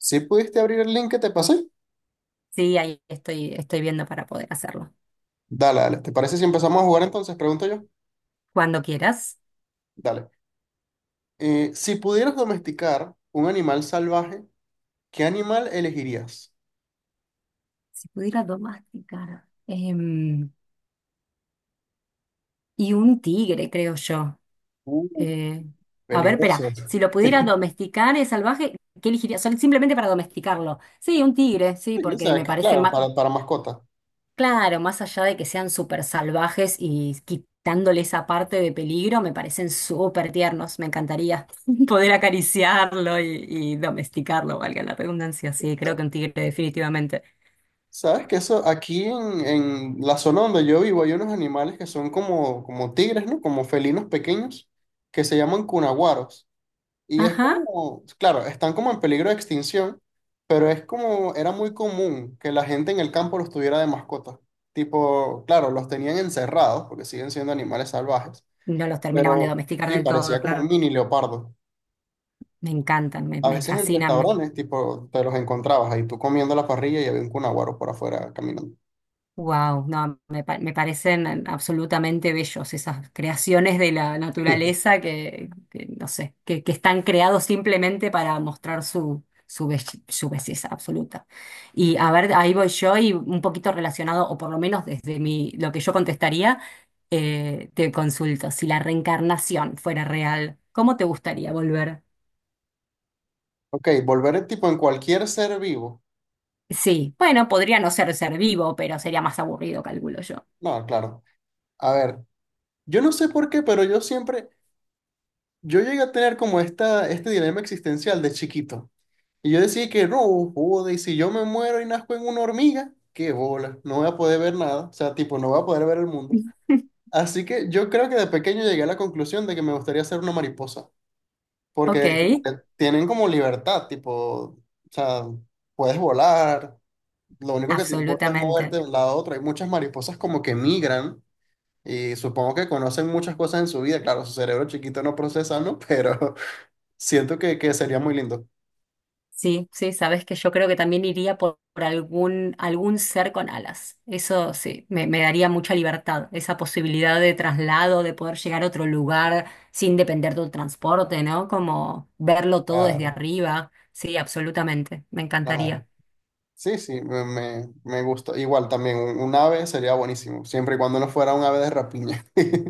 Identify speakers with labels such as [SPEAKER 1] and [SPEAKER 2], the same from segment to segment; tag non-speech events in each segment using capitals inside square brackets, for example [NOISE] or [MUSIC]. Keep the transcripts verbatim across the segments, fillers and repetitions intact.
[SPEAKER 1] Si pudiste abrir el link que te pasé,
[SPEAKER 2] Sí, ahí estoy, estoy viendo para poder hacerlo.
[SPEAKER 1] dale, dale. ¿Te parece si empezamos a jugar entonces? Pregunto yo.
[SPEAKER 2] Cuando quieras.
[SPEAKER 1] Dale. Eh, si pudieras domesticar un animal salvaje, ¿qué animal elegirías?
[SPEAKER 2] Si pudiera domesticar, em, y un tigre, creo yo.
[SPEAKER 1] Uh,
[SPEAKER 2] Eh, a ver, espera.
[SPEAKER 1] peligroso.
[SPEAKER 2] Si lo pudiera
[SPEAKER 1] [LAUGHS]
[SPEAKER 2] domesticar es salvaje, ¿qué elegiría? Sol- simplemente para domesticarlo. Sí, un tigre, sí,
[SPEAKER 1] Sí, o
[SPEAKER 2] porque
[SPEAKER 1] sea,
[SPEAKER 2] me
[SPEAKER 1] que
[SPEAKER 2] parece
[SPEAKER 1] claro,
[SPEAKER 2] más.
[SPEAKER 1] para, para mascota.
[SPEAKER 2] Claro, más allá de que sean súper salvajes y quitándole esa parte de peligro, me parecen súper tiernos. Me encantaría [LAUGHS] poder acariciarlo y, y domesticarlo, valga la redundancia. Sí, creo
[SPEAKER 1] Sa-
[SPEAKER 2] que un tigre, definitivamente.
[SPEAKER 1] Sabes que eso, aquí en, en la zona donde yo vivo hay unos animales que son como, como tigres, ¿no? Como felinos pequeños que se llaman cunaguaros. Y es
[SPEAKER 2] Ajá.
[SPEAKER 1] como, claro, están como en peligro de extinción, pero es como, era muy común que la gente en el campo los tuviera de mascotas. Tipo, claro, los tenían encerrados porque siguen siendo animales salvajes,
[SPEAKER 2] Y no los terminaban de
[SPEAKER 1] pero
[SPEAKER 2] domesticar
[SPEAKER 1] sí,
[SPEAKER 2] del todo,
[SPEAKER 1] parecía como un
[SPEAKER 2] claro.
[SPEAKER 1] mini leopardo.
[SPEAKER 2] Me encantan, me,
[SPEAKER 1] A
[SPEAKER 2] me
[SPEAKER 1] veces en
[SPEAKER 2] fascinan.
[SPEAKER 1] restaurantes, tipo, te los encontrabas ahí tú comiendo la parrilla y había un cunaguaro por afuera caminando.
[SPEAKER 2] Wow, no, me, pa- me parecen eh, absolutamente bellos esas creaciones de la
[SPEAKER 1] [LAUGHS]
[SPEAKER 2] naturaleza que, que, no sé, que, que están creados simplemente para mostrar su, su, belle- su belleza absoluta. Y a ver, ahí voy yo y un poquito relacionado, o por lo menos desde mi, lo que yo contestaría, eh, te consulto, si la reencarnación fuera real, ¿cómo te gustaría volver?
[SPEAKER 1] Ok, volver tipo en cualquier ser vivo.
[SPEAKER 2] Sí, bueno, podría no ser ser vivo, pero sería más aburrido, calculo yo.
[SPEAKER 1] No, claro. A ver, yo no sé por qué, pero yo siempre, yo llegué a tener como esta, este dilema existencial de chiquito. Y yo decía que no, joder, y si yo me muero y nazco en una hormiga, qué bola, no voy a poder ver nada, o sea, tipo, no voy a poder ver el mundo.
[SPEAKER 2] [LAUGHS]
[SPEAKER 1] Así que yo creo que de pequeño llegué a la conclusión de que me gustaría ser una mariposa,
[SPEAKER 2] Ok,
[SPEAKER 1] porque como que tienen como libertad, tipo, o sea, puedes volar, lo único que te importa es moverte
[SPEAKER 2] absolutamente.
[SPEAKER 1] de un lado a otro. Hay muchas mariposas como que migran y supongo que conocen muchas cosas en su vida, claro, su cerebro chiquito no procesa, ¿no? Pero [LAUGHS] siento que, que sería muy lindo.
[SPEAKER 2] Sí, sí, sabes que yo creo que también iría por, por algún, algún ser con alas. Eso sí, me, me daría mucha libertad, esa posibilidad de traslado, de poder llegar a otro lugar sin depender del transporte, ¿no? Como verlo todo desde
[SPEAKER 1] Claro,
[SPEAKER 2] arriba. Sí, absolutamente, me
[SPEAKER 1] claro.
[SPEAKER 2] encantaría.
[SPEAKER 1] Sí, sí, me, me, me gusta. Igual también un, un ave sería buenísimo, siempre y cuando no fuera un ave de rapiña. [LAUGHS]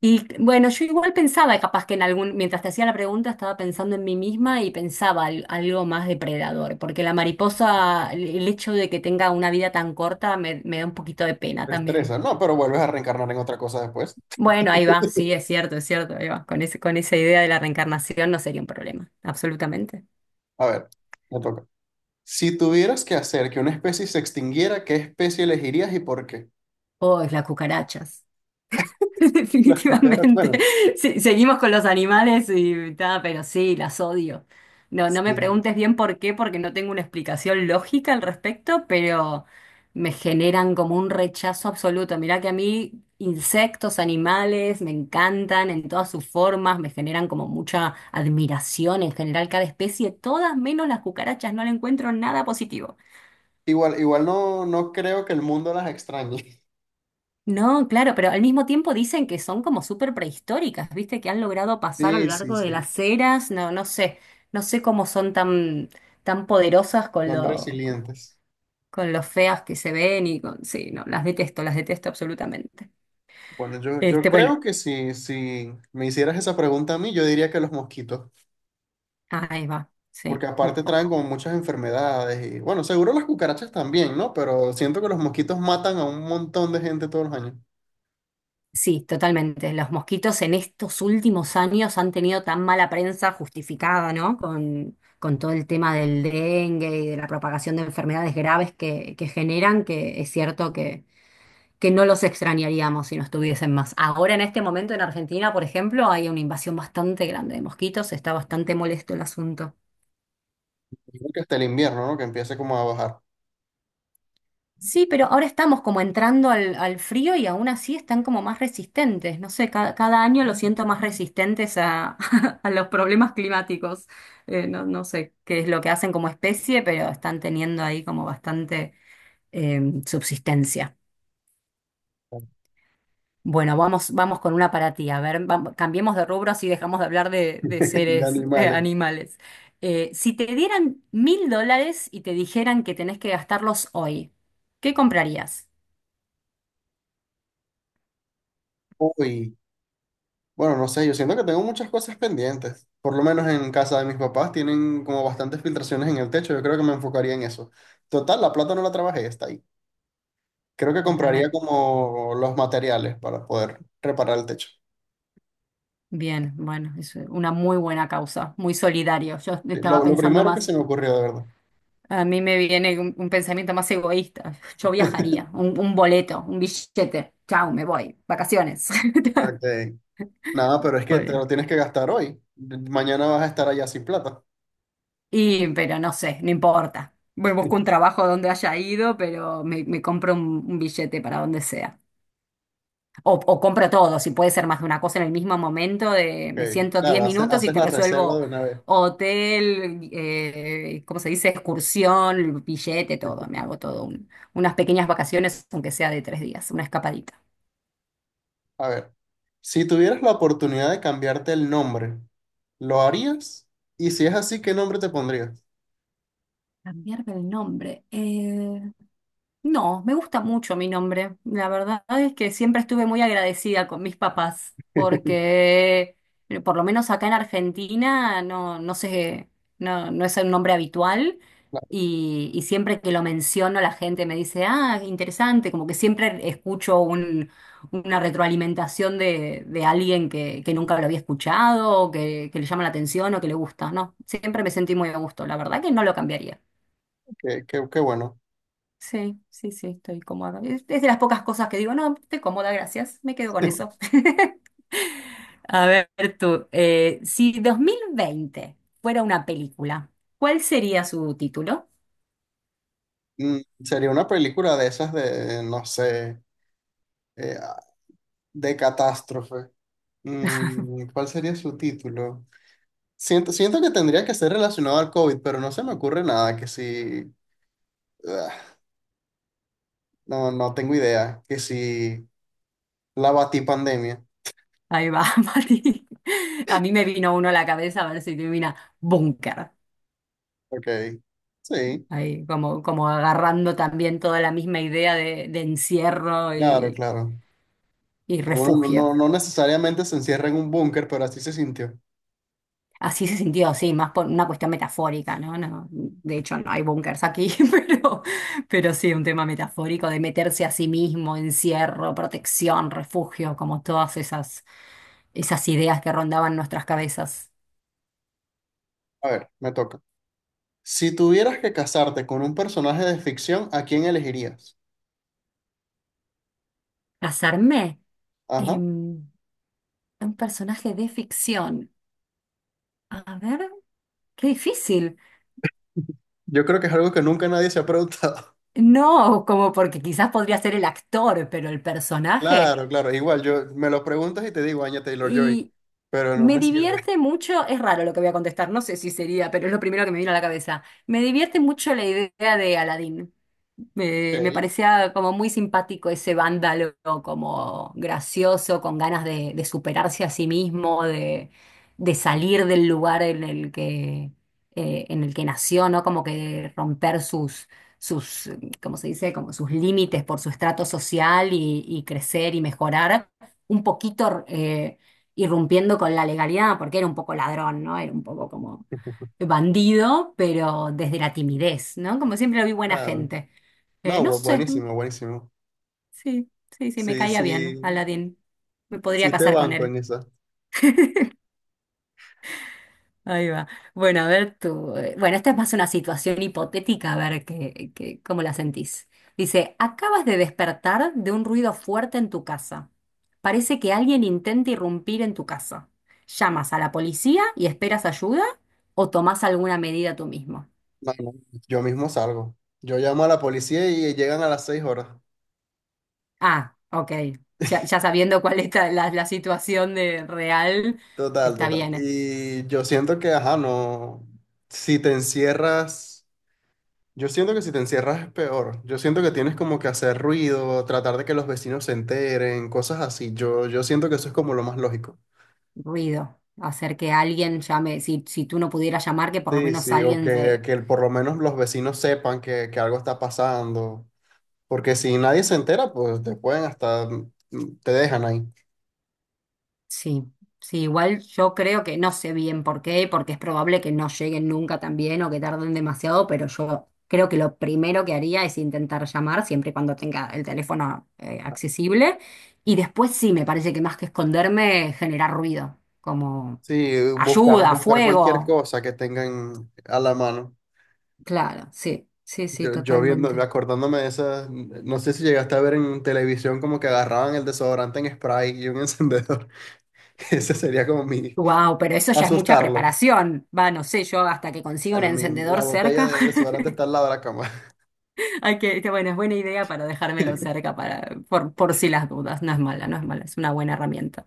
[SPEAKER 2] Y bueno, yo igual pensaba, capaz que en algún, mientras te hacía la pregunta, estaba pensando en mí misma y pensaba al- algo más depredador, porque la mariposa, el el hecho de que tenga una vida tan corta me, me da un poquito de pena también.
[SPEAKER 1] estresa no, pero vuelves a reencarnar en otra cosa después.
[SPEAKER 2] Bueno, ahí va,
[SPEAKER 1] [LAUGHS]
[SPEAKER 2] sí, es cierto, es cierto, ahí va. Con ese, con esa idea de la reencarnación no sería un problema, absolutamente.
[SPEAKER 1] A ver, me toca. Si tuvieras que hacer que una especie se extinguiera, ¿qué especie elegirías y por qué?
[SPEAKER 2] Oh, es las cucarachas. [LAUGHS]
[SPEAKER 1] Las cucarachas,
[SPEAKER 2] Definitivamente.
[SPEAKER 1] bueno,
[SPEAKER 2] Sí, seguimos con los animales y ta, pero sí, las odio. No, no me
[SPEAKER 1] sí.
[SPEAKER 2] preguntes bien por qué, porque no tengo una explicación lógica al respecto, pero me generan como un rechazo absoluto. Mirá que a mí insectos, animales, me encantan en todas sus formas, me generan como mucha admiración en general cada especie, todas menos las cucarachas, no le encuentro nada positivo.
[SPEAKER 1] Igual, igual no, no creo que el mundo las extrañe. [LAUGHS]
[SPEAKER 2] No, claro, pero al mismo tiempo dicen que son como súper prehistóricas, ¿viste? Que han logrado pasar a lo
[SPEAKER 1] Sí, sí,
[SPEAKER 2] largo de
[SPEAKER 1] sí,
[SPEAKER 2] las eras, no, no sé, no sé cómo son tan, tan poderosas con
[SPEAKER 1] son
[SPEAKER 2] lo,
[SPEAKER 1] resilientes.
[SPEAKER 2] con lo feas que se ven y con, sí, no, las detesto, las detesto absolutamente.
[SPEAKER 1] Bueno, yo, yo
[SPEAKER 2] Este, bueno,
[SPEAKER 1] creo que si, si me hicieras esa pregunta a mí, yo diría que los mosquitos.
[SPEAKER 2] ahí va, sí.
[SPEAKER 1] Porque aparte traen como muchas enfermedades y bueno, seguro las cucarachas también, ¿no? Pero siento que los mosquitos matan a un montón de gente todos los años.
[SPEAKER 2] Sí, totalmente. Los mosquitos en estos últimos años han tenido tan mala prensa justificada, ¿no? Con, con todo el tema del dengue y de la propagación de enfermedades graves que, que generan, que es cierto que, que no los extrañaríamos si no estuviesen más. Ahora, en este momento, en Argentina, por ejemplo, hay una invasión bastante grande de mosquitos, está bastante molesto el asunto.
[SPEAKER 1] Yo creo que hasta el invierno, ¿no? Que empiece como a bajar
[SPEAKER 2] Sí, pero ahora estamos como entrando al, al frío y aún así están como más resistentes. No sé, cada, cada año los siento más resistentes a, [LAUGHS] a los problemas climáticos. Eh, no, no sé qué es lo que hacen como especie, pero están teniendo ahí como bastante eh, subsistencia. Bueno, vamos, vamos con una para ti. A ver, vam- cambiemos de rubros y dejamos de hablar de, de
[SPEAKER 1] [LAUGHS] de
[SPEAKER 2] seres eh,
[SPEAKER 1] animales.
[SPEAKER 2] animales. Eh, si te dieran mil dólares y te dijeran que tenés que gastarlos hoy, ¿qué comprarías?
[SPEAKER 1] Uy, bueno, no sé, yo siento que tengo muchas cosas pendientes. Por lo menos en casa de mis papás tienen como bastantes filtraciones en el techo. Yo creo que me enfocaría en eso. Total, la plata no la trabajé, está ahí. Creo que compraría
[SPEAKER 2] Totalmente.
[SPEAKER 1] como los materiales para poder reparar el techo.
[SPEAKER 2] Bien, bueno, es una muy buena causa, muy solidario. Yo
[SPEAKER 1] Sí,
[SPEAKER 2] estaba
[SPEAKER 1] Lo, lo
[SPEAKER 2] pensando
[SPEAKER 1] primero que se
[SPEAKER 2] más,
[SPEAKER 1] me ocurrió, de verdad.
[SPEAKER 2] a mí me viene un, un pensamiento más egoísta. Yo
[SPEAKER 1] [LAUGHS]
[SPEAKER 2] viajaría, un, un boleto, un billete. Chau, me voy, vacaciones.
[SPEAKER 1] Ok.
[SPEAKER 2] [LAUGHS]
[SPEAKER 1] Nada, pero es que te lo
[SPEAKER 2] Pobre.
[SPEAKER 1] tienes que gastar hoy. Mañana vas a estar allá sin plata.
[SPEAKER 2] Y, pero no sé, no importa. Voy, busco un trabajo donde haya ido, pero me, me compro un, un billete para donde sea. O, o compro todo, si puede ser más de una cosa en el mismo momento, de
[SPEAKER 1] Ok,
[SPEAKER 2] me siento diez
[SPEAKER 1] claro, hace-
[SPEAKER 2] minutos y
[SPEAKER 1] haces
[SPEAKER 2] te
[SPEAKER 1] la reserva
[SPEAKER 2] resuelvo
[SPEAKER 1] de una vez.
[SPEAKER 2] hotel, eh, ¿cómo se dice? Excursión, billete, todo. Me hago todo un- unas pequeñas vacaciones, aunque sea de tres días, una escapadita.
[SPEAKER 1] A ver, si tuvieras la oportunidad de cambiarte el nombre, ¿lo harías? Y si es así, ¿qué nombre te pondrías?
[SPEAKER 2] Cambiarme el nombre. No, me gusta mucho mi nombre. La verdad es que siempre estuve muy agradecida con mis papás,
[SPEAKER 1] [LAUGHS]
[SPEAKER 2] porque eh, por lo menos acá en Argentina no, no sé, no, no es un nombre habitual
[SPEAKER 1] Claro,
[SPEAKER 2] y, y siempre que lo menciono la gente me dice, ah, interesante, como que siempre escucho un- una retroalimentación de, de alguien que, que nunca lo había escuchado, o que, que le llama la atención o que le gusta, ¿no? Siempre me sentí muy a gusto, la verdad que no lo cambiaría.
[SPEAKER 1] qué, qué- qué bueno.
[SPEAKER 2] Sí, sí, sí, estoy cómoda. Es es de las pocas cosas que digo, no, estoy cómoda, gracias, me quedo con eso. [LAUGHS] A ver tú, eh, si dos mil veinte fuera una película, ¿cuál sería su título?
[SPEAKER 1] Mm, sería una película de esas de, no sé, eh, ah, de catástrofe. Mm, ¿cuál sería su título? Siento, siento que tendría que ser relacionado al COVID, pero no se me ocurre nada que si... No, no tengo idea. Que si la batí pandemia.
[SPEAKER 2] Ahí va, [LAUGHS] Mati. A mí me vino uno a la cabeza, a ver si te vino Búnker.
[SPEAKER 1] Ok. Sí,
[SPEAKER 2] Ahí como, como agarrando también toda la misma idea de, de encierro
[SPEAKER 1] claro,
[SPEAKER 2] y,
[SPEAKER 1] claro.
[SPEAKER 2] y
[SPEAKER 1] Que uno no, no,
[SPEAKER 2] refugio.
[SPEAKER 1] no necesariamente se encierra en un búnker, pero así se sintió.
[SPEAKER 2] Así se sintió, sí, más por una cuestión metafórica, ¿no? No, de hecho, no hay búnkers aquí, [LAUGHS] pero, pero sí, un tema metafórico de meterse a sí mismo, encierro, protección, refugio, como todas esas, esas ideas que rondaban nuestras cabezas.
[SPEAKER 1] A ver, me toca. Si tuvieras que casarte con un personaje de ficción, ¿a quién elegirías?
[SPEAKER 2] Casarme,
[SPEAKER 1] Ajá.
[SPEAKER 2] em, un personaje de ficción. A ver, qué difícil.
[SPEAKER 1] Yo creo que es algo que nunca nadie se ha preguntado. [LAUGHS]
[SPEAKER 2] No, como porque quizás podría ser el actor, pero el personaje.
[SPEAKER 1] Claro, claro. Igual, yo me lo preguntas y te digo, Anya Taylor-Joy, pero no
[SPEAKER 2] Me
[SPEAKER 1] me sirve.
[SPEAKER 2] divierte mucho, es raro lo que voy a contestar, no sé si sería, pero es lo primero que me vino a la cabeza. Me divierte mucho la idea de Aladdin.
[SPEAKER 1] [LAUGHS]
[SPEAKER 2] Me, me
[SPEAKER 1] Ok.
[SPEAKER 2] parecía como muy simpático ese vándalo, como gracioso, con ganas de, de superarse a sí mismo, de, de salir del lugar en el que, eh, en el que nació, ¿no? Como que romper sus, sus, ¿cómo se dice? Como sus límites por su estrato social y, y crecer y mejorar un poquito. Eh, irrumpiendo con la legalidad, porque era un poco ladrón, ¿no? Era un poco como bandido, pero desde la timidez, ¿no? Como siempre lo vi buena
[SPEAKER 1] Claro.
[SPEAKER 2] gente. Eh,
[SPEAKER 1] No,
[SPEAKER 2] no
[SPEAKER 1] bu-
[SPEAKER 2] sé, mm,
[SPEAKER 1] buenísimo, buenísimo.
[SPEAKER 2] sí, sí, sí, me
[SPEAKER 1] Sí,
[SPEAKER 2] caía bien,
[SPEAKER 1] sí,
[SPEAKER 2] Aladdin. Me podría
[SPEAKER 1] sí te
[SPEAKER 2] casar con
[SPEAKER 1] banco en
[SPEAKER 2] él.
[SPEAKER 1] esa.
[SPEAKER 2] Ahí va. Bueno, a ver tú. eh, Bueno, esta es más una situación hipotética, a ver qué, qué- cómo la sentís. Dice, acabas de despertar de un ruido fuerte en tu casa. Parece que alguien intenta irrumpir en tu casa. ¿Llamas a la policía y esperas ayuda o tomás alguna medida tú mismo?
[SPEAKER 1] No, no, yo mismo salgo. Yo llamo a la policía y llegan a las seis horas.
[SPEAKER 2] Ah, ok. Ya, ya sabiendo cuál es la, la- la situación de real,
[SPEAKER 1] Total,
[SPEAKER 2] está
[SPEAKER 1] total.
[SPEAKER 2] bien. eh.
[SPEAKER 1] Y yo siento que, ajá, no. Si te encierras, yo siento que si te encierras es peor. Yo siento que tienes como que hacer ruido, tratar de que los vecinos se enteren, cosas así. Yo, yo siento que eso es como lo más lógico.
[SPEAKER 2] Ruido. Hacer que alguien llame, si, si tú no pudieras llamar, que por lo
[SPEAKER 1] Sí,
[SPEAKER 2] menos
[SPEAKER 1] sí, o
[SPEAKER 2] alguien.
[SPEAKER 1] que, que por lo menos los vecinos sepan que, que algo está pasando. Porque si nadie se entera, pues te pueden hasta, mm, te dejan ahí.
[SPEAKER 2] Sí, sí, igual yo creo que no sé bien por qué, porque es probable que no lleguen nunca también o que tarden demasiado, pero yo creo que lo primero que haría es intentar llamar siempre y cuando tenga el teléfono eh, accesible. Y después sí, me parece que más que esconderme, generar ruido, como
[SPEAKER 1] Sí, buscar,
[SPEAKER 2] ayuda,
[SPEAKER 1] buscar cualquier
[SPEAKER 2] fuego.
[SPEAKER 1] cosa que tengan a la mano.
[SPEAKER 2] Claro, sí, sí, sí,
[SPEAKER 1] Yo, yo viendo,
[SPEAKER 2] totalmente.
[SPEAKER 1] acordándome de esas, no sé si llegaste a ver en televisión como que agarraban el desodorante en spray y un [LAUGHS] encendedor. Ese sería como mi
[SPEAKER 2] Wow, pero eso ya es mucha
[SPEAKER 1] asustarlo.
[SPEAKER 2] preparación. Va, no sé, yo hasta que consiga un
[SPEAKER 1] Bueno, mi,
[SPEAKER 2] encendedor
[SPEAKER 1] la botella
[SPEAKER 2] cerca.
[SPEAKER 1] de
[SPEAKER 2] [LAUGHS]
[SPEAKER 1] desodorante está al lado de la cama.
[SPEAKER 2] Hay que, que bueno, es buena idea para dejármelo
[SPEAKER 1] [LAUGHS]
[SPEAKER 2] cerca para, por, por si las dudas. No es mala, no es mala, es una buena herramienta.